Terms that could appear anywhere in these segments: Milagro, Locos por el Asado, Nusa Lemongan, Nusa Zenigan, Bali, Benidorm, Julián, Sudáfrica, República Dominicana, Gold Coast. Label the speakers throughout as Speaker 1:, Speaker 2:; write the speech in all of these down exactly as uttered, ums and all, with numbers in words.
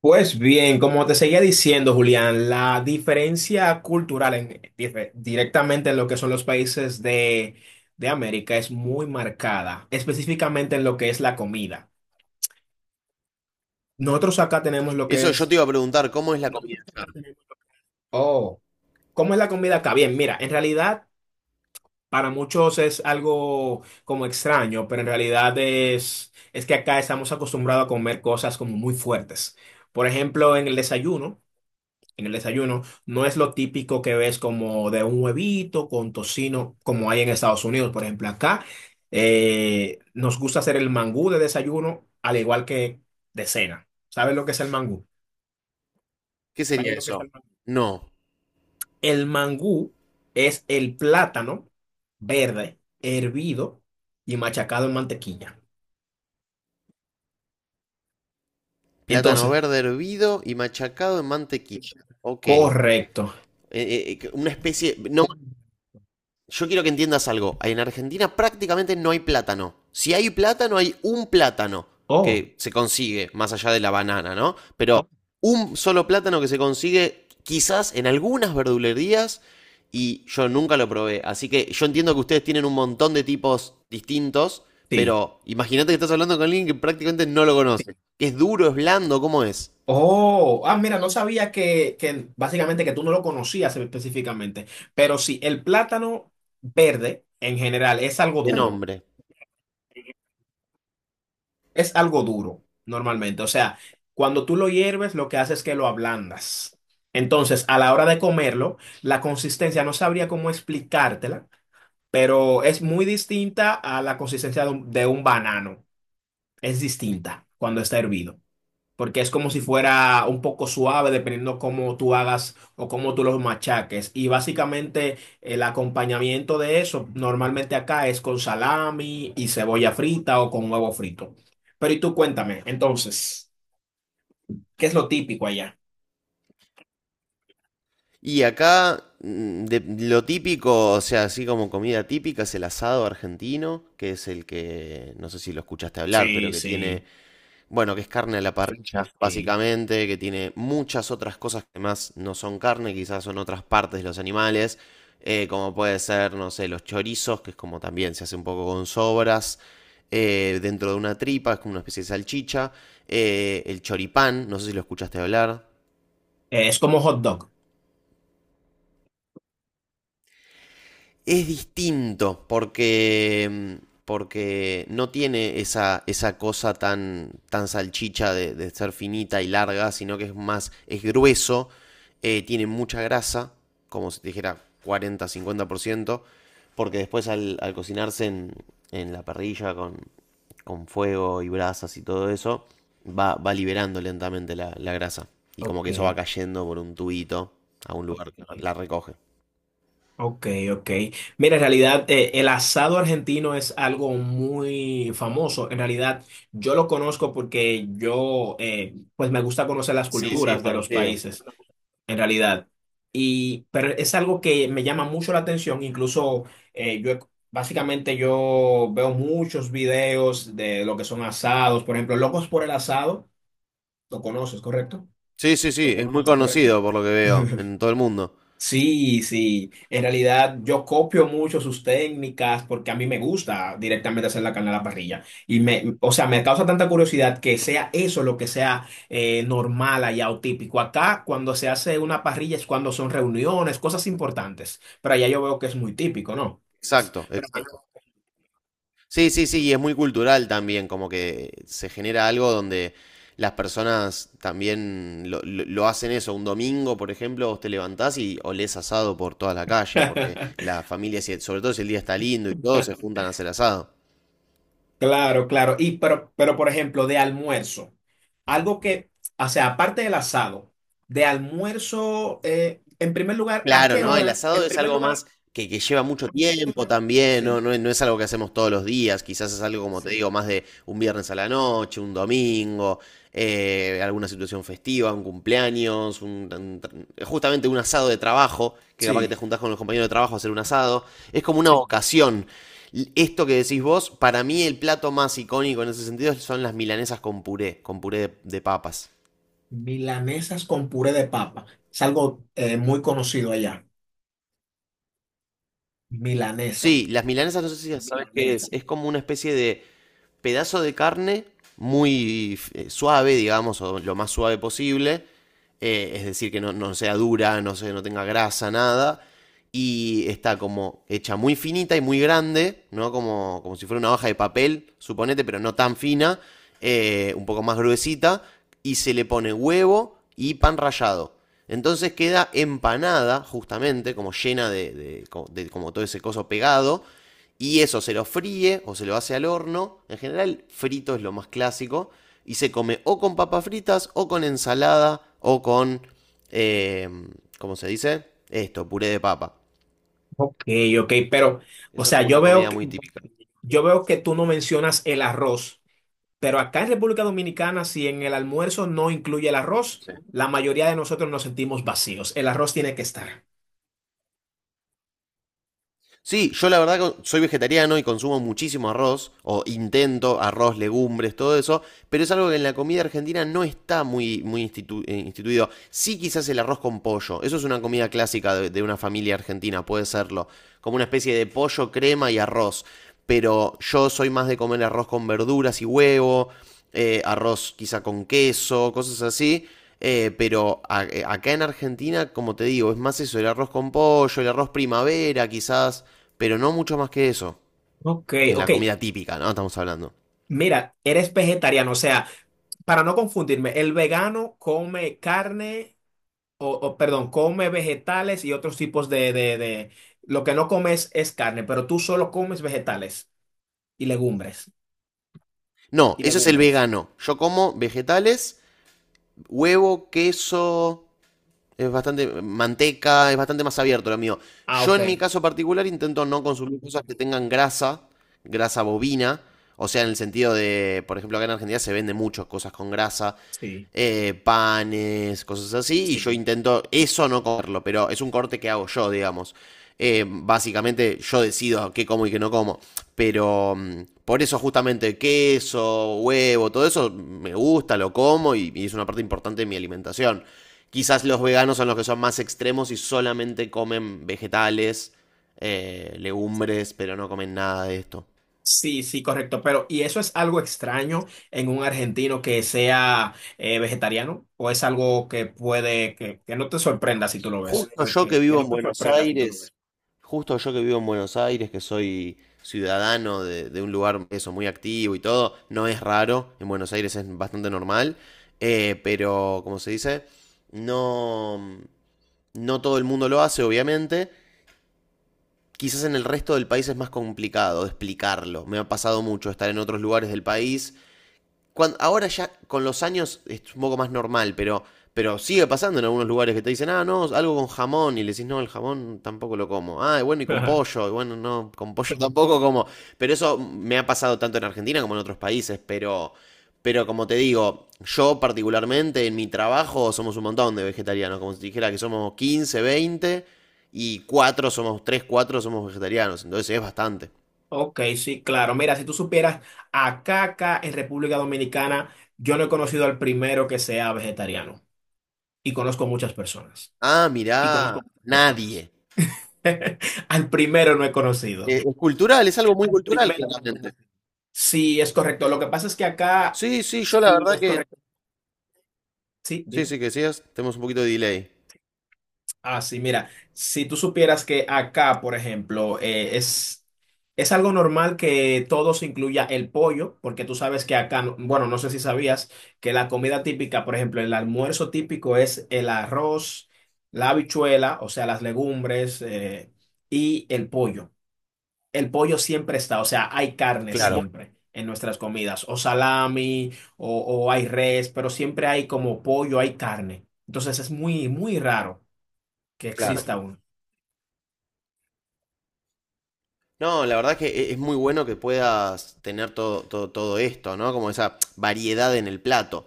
Speaker 1: Pues bien, como te seguía diciendo, Julián, la diferencia cultural en- dire- directamente en lo que son los países de, de América es muy marcada, específicamente en lo que es la comida. Nosotros acá tenemos lo que
Speaker 2: Eso yo
Speaker 1: es,
Speaker 2: te iba a preguntar, ¿cómo es la comida?
Speaker 1: oh, ¿cómo es la comida acá? Bien, mira, en realidad para muchos es algo como extraño, pero en realidad es, es que acá estamos acostumbrados a comer cosas como muy fuertes. Por ejemplo, en el desayuno. en el desayuno. No es lo típico que ves como de un huevito con tocino, como hay en Estados Unidos. Por ejemplo, acá eh, nos gusta hacer el mangú de desayuno, al igual que de cena. ¿Sabes lo que es el mangú?
Speaker 2: ¿Qué sería eso? No,
Speaker 1: El mangú es el plátano verde, hervido y machacado en mantequilla.
Speaker 2: plátano
Speaker 1: Entonces,
Speaker 2: verde hervido y machacado en mantequilla. Ok. Eh,
Speaker 1: correcto.
Speaker 2: eh, una especie, no yo quiero que entiendas algo. En Argentina prácticamente no hay plátano. Si hay plátano, hay un plátano
Speaker 1: Oh,
Speaker 2: que se consigue, más allá de la banana, ¿no? Pero un solo plátano que se consigue quizás en algunas verdulerías y yo nunca lo probé. Así que yo entiendo que ustedes tienen un montón de tipos distintos,
Speaker 1: sí.
Speaker 2: pero imagínate que estás hablando con alguien que prácticamente no lo conoce. Es duro, es blando, ¿cómo es?
Speaker 1: Oh, ah, mira, no sabía que, que básicamente que tú no lo conocías específicamente, pero sí, el plátano verde en general es algo
Speaker 2: De
Speaker 1: duro,
Speaker 2: nombre.
Speaker 1: es algo duro normalmente, o sea, cuando tú lo hierves lo que haces es que lo ablandas. Entonces, a la hora de comerlo, la consistencia, no sabría cómo explicártela, pero es muy distinta a la consistencia de un, de un banano, es distinta cuando está hervido, porque es como si fuera un poco suave dependiendo cómo tú hagas o cómo tú los machaques. Y básicamente el acompañamiento de eso normalmente acá es con salami y cebolla frita o con huevo frito. Pero y tú cuéntame, entonces, ¿qué es lo típico allá?
Speaker 2: Y acá, mm, de, lo típico, o sea, así como comida típica, es el asado argentino, que es el que, no sé si lo escuchaste hablar, pero
Speaker 1: Sí,
Speaker 2: que tiene,
Speaker 1: sí.
Speaker 2: bueno, que es carne a la parrilla, básicamente, que tiene muchas otras cosas que más no son carne, quizás son otras partes de los animales, eh, como puede ser, no sé, los chorizos, que es como también se hace un poco con sobras, eh, dentro de una tripa, es como una especie de salchicha, eh, el choripán, no sé si lo escuchaste hablar.
Speaker 1: Eh, es como hot dog.
Speaker 2: Es distinto porque, mm, porque no tiene esa esa cosa tan tan salchicha de, de ser finita y larga, sino que es más, es grueso, eh, tiene mucha grasa, como si te dijera cuarenta a cincuenta por ciento, porque después al, al cocinarse en, en la parrilla con, con fuego y brasas y todo eso, va, va liberando lentamente la, la grasa. Y como
Speaker 1: Ok.
Speaker 2: que eso va cayendo por un tubito a un lugar que la recoge.
Speaker 1: Ok, ok. Mira, en realidad eh, el asado argentino es algo muy famoso. En realidad yo lo conozco porque yo, eh, pues me gusta conocer las
Speaker 2: Sí, sí, es
Speaker 1: culturas de los
Speaker 2: conocido.
Speaker 1: países, en realidad. Y, pero es algo que me llama mucho la atención. Incluso eh, yo, he- básicamente yo veo muchos videos de lo que son asados. Por ejemplo, Locos por el Asado, lo conoces, ¿correcto?
Speaker 2: Sí, sí, sí, es muy conocido por lo que veo en todo el mundo.
Speaker 1: Sí, sí. En realidad yo copio mucho sus técnicas porque a mí me gusta directamente hacer la carne a la parrilla. Y me, o sea, me causa tanta curiosidad que sea eso lo que sea eh, normal allá o típico. Acá cuando se hace una parrilla es cuando son reuniones, cosas importantes. Pero allá yo veo que es muy típico, ¿no?
Speaker 2: Exacto, exacto. Sí, sí, sí, y es muy cultural también, como que se genera algo donde las personas también lo, lo- lo hacen eso. Un domingo, por ejemplo, vos te levantás y olés asado por toda la calle, porque la familia, si- sobre todo si el día está lindo y todo, se juntan a hacer asado.
Speaker 1: Claro, claro. Y pero, pero por ejemplo, de almuerzo, algo que, o sea, aparte del asado, de almuerzo, eh, en primer lugar, ¿a
Speaker 2: Claro,
Speaker 1: qué
Speaker 2: ¿no? El Termi-
Speaker 1: hora?
Speaker 2: asado en es primer algo lugar, más que, que lleva mucho tiempo también, ¿no?
Speaker 1: Sí.
Speaker 2: No, es no es algo que hacemos todos los días, quizás es algo, como te, sí, digo, más de un viernes a la noche, un domingo, eh, alguna situación festiva, un cumpleaños, un- un tra- justamente un asado de trabajo, que capaz que te
Speaker 1: Sí.
Speaker 2: juntás con los compañeros de trabajo a hacer un asado, es como una, sí, ocasión. L- Esto que decís vos, para mí el plato más icónico en ese sentido son las milanesas con puré, con puré de, de papas.
Speaker 1: Milanesas con puré de papa. Es algo eh, muy conocido allá. Milanesa.
Speaker 2: Sí, las milanesas no sé si sabes qué es, milanesa. Es como una especie de pedazo de carne muy eh, suave, digamos, o lo más suave posible. Eh, es decir, que no, no sea dura, no, se- no tenga grasa, nada. Y está como hecha muy finita y muy grande, ¿no? Como, como si fuera una hoja de papel, suponete, pero no tan fina, eh, un poco más gruesita. Y se le pone huevo y pan rallado. Entonces queda empanada, justamente, como llena de, de- co- de como todo ese coso pegado. Y eso se lo fríe o se lo hace al horno. En general, frito es lo más clásico. Y se come o con papas fritas, o con ensalada, o con. Eh, ¿Cómo se dice? Esto, puré de papa.
Speaker 1: Ok, ok, pero, o
Speaker 2: Eso es
Speaker 1: sea,
Speaker 2: como
Speaker 1: yo
Speaker 2: una
Speaker 1: veo
Speaker 2: comida
Speaker 1: que,
Speaker 2: muy típica.
Speaker 1: yo veo que tú no mencionas el arroz, pero acá en República Dominicana, si en el almuerzo no incluye el arroz, la mayoría de nosotros nos sentimos vacíos. El arroz tiene que estar.
Speaker 2: Sí, yo la verdad que soy vegetariano y consumo muchísimo arroz, o intento arroz, legumbres, todo eso, pero es algo que en la comida argentina no está muy, muy institu- eh, instituido. Sí, quizás el arroz con pollo, eso es una comida clásica de, de una familia argentina, puede serlo, como una especie de pollo, crema y arroz, pero yo soy más de comer arroz con verduras y huevo, eh, arroz quizá con queso, cosas así. Eh, pero a- eh, acá en Argentina, como te digo, es más eso, el arroz con pollo, el arroz primavera quizás, pero no mucho más que eso.
Speaker 1: Ok,
Speaker 2: En la
Speaker 1: ok.
Speaker 2: comida típica, ¿no? Estamos hablando.
Speaker 1: Mira, eres vegetariano, o sea, para no confundirme, el vegano come carne. O, o, perdón, come vegetales y otros tipos de, de, de... Lo que no comes es carne, pero tú solo comes vegetales y legumbres.
Speaker 2: No, eso es el vegano. Yo como vegetales, huevo, queso, es bastante manteca, es bastante más abierto lo mío.
Speaker 1: Ah,
Speaker 2: Yo en mi
Speaker 1: ok.
Speaker 2: caso particular intento no consumir cosas que tengan grasa, grasa bovina, o sea, en el sentido de, por ejemplo, acá en Argentina se venden muchas cosas con grasa,
Speaker 1: Sí.
Speaker 2: eh, panes, cosas así, y yo intento eso no comerlo, pero es un corte que hago yo, digamos. Eh, básicamente yo decido qué como y qué no como, pero, mm, por eso justamente queso, huevo, todo eso me gusta, lo como y, y es una parte importante de mi alimentación. Quizás los veganos son los que son más extremos y solamente comen vegetales, eh, legumbres, pero no comen nada de esto.
Speaker 1: Sí, sí, correcto. Pero, ¿y eso es algo extraño en un argentino que sea eh, vegetariano? ¿O es algo que puede, que, que no te sorprenda si tú lo ves?
Speaker 2: Justo yo que vivo en Buenos Aires, Justo yo que vivo en Buenos Aires, que soy ciudadano de, de un lugar eso, muy activo y todo, no es raro, en Buenos Aires es bastante normal, eh, pero como se dice, no, no todo el mundo lo hace, obviamente. Quizás en el resto del país es más complicado de explicarlo. Me ha pasado mucho estar en otros lugares del país cuando, ahora ya con los años es un poco más normal, pero, pero sigue pasando en algunos lugares que te dicen, ah, no, algo con jamón, y le decís, no, el jamón tampoco lo como. Ah, y bueno, y con
Speaker 1: Ajá.
Speaker 2: pollo, y bueno, no, con pollo tampoco como. Pero eso me ha pasado tanto en Argentina como en otros países, pero, pero como te digo, yo particularmente en mi trabajo somos un montón de vegetarianos, como si dijera que somos quince veinte y cuatro somos, tres cuatro somos vegetarianos, entonces es bastante.
Speaker 1: Ok, sí, claro. Mira, si tú supieras, acá, acá en República Dominicana, yo no he conocido al primero que sea vegetariano y conozco muchas personas.
Speaker 2: Ah, mirá, nadie.
Speaker 1: Al primero no he conocido.
Speaker 2: Eh, es cultural, es algo muy cultural, claramente.
Speaker 1: Sí, es correcto. Lo que pasa es que acá,
Speaker 2: Sí, sí, yo la verdad que.
Speaker 1: sí,
Speaker 2: Sí,
Speaker 1: dime.
Speaker 2: sí, que decías, tenemos un poquito de delay.
Speaker 1: Ah, sí, mira, si tú supieras que acá, por ejemplo, eh, es, es algo normal que todo se incluya el pollo, porque tú sabes que acá, no- bueno, no sé si sabías que la comida típica, por ejemplo, el almuerzo típico es el arroz, la habichuela, o sea, las legumbres, eh, y el pollo. El pollo siempre está, o sea, hay carne
Speaker 2: Claro,
Speaker 1: siempre en nuestras comidas, o salami, o, o hay res, pero siempre hay como pollo, hay carne. Entonces es muy, muy raro que
Speaker 2: claro.
Speaker 1: exista uno.
Speaker 2: No, la verdad que e- es muy bueno que puedas tener todo, todo, todo esto, ¿no? Como esa variedad en el plato.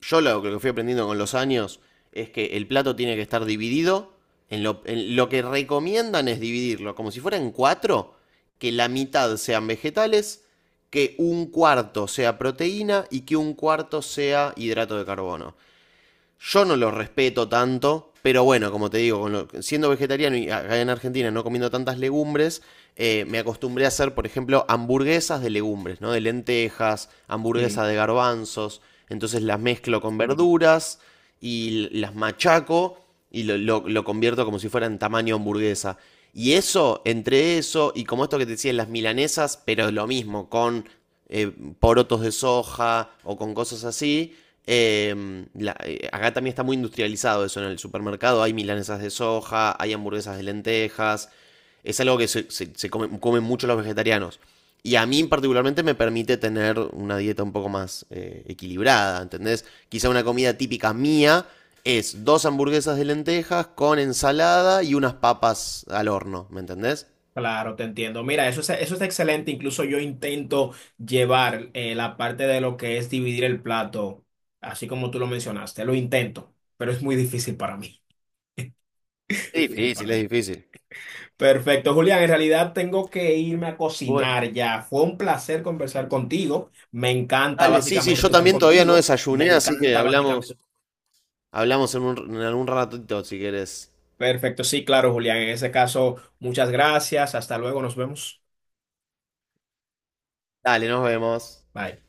Speaker 2: Yo, lo, que fui aprendiendo con los años, es que el plato tiene que estar dividido. En lo, en lo que recomiendan es dividirlo, como si fueran cuatro, que la mitad sean vegetales, que un cuarto sea proteína y que un cuarto sea hidrato de carbono. Yo no los respeto tanto, pero bueno, como te digo, con lo- siendo vegetariano y acá en Argentina no comiendo tantas legumbres, eh, me acostumbré a hacer, por ejemplo, hamburguesas de legumbres, ¿no? De lentejas,
Speaker 1: Sí,
Speaker 2: hamburguesas de garbanzos, entonces las mezclo con verduras y las machaco y lo, lo- lo convierto como si fuera en tamaño hamburguesa. Y eso, entre eso y como esto que te decía, las milanesas, pero lo mismo, con eh, porotos de soja o con cosas así, eh, la- eh, acá también está muy industrializado eso, ¿no? En el supermercado. Hay milanesas de soja, hay hamburguesas de lentejas. Es algo que se, se- se come- comen mucho los vegetarianos. Y a mí particularmente me permite tener una dieta un poco más eh, equilibrada, ¿entendés? Quizá una comida típica mía es dos hamburguesas de lentejas con ensalada y unas papas al horno, ¿me entendés?
Speaker 1: claro, te entiendo. Mira, eso es, eso es excelente. Incluso yo intento llevar eh, la parte de lo que es dividir el plato, así como tú lo mencionaste. Lo intento, pero es muy difícil para mí.
Speaker 2: Es difícil, es difícil.
Speaker 1: Perfecto, Julián. En realidad tengo que irme a cocinar ya. Fue un placer conversar contigo. Me encanta
Speaker 2: Dale, sí, sí,
Speaker 1: básicamente
Speaker 2: yo
Speaker 1: tu
Speaker 2: también todavía
Speaker 1: cultura.
Speaker 2: no desayuné, así que hablamos. Hablamos en un, en algún ratito si querés.
Speaker 1: Perfecto, sí, claro, Julián. En ese caso, muchas gracias. Hasta luego, nos vemos.
Speaker 2: Dale, nos vemos.
Speaker 1: Bye.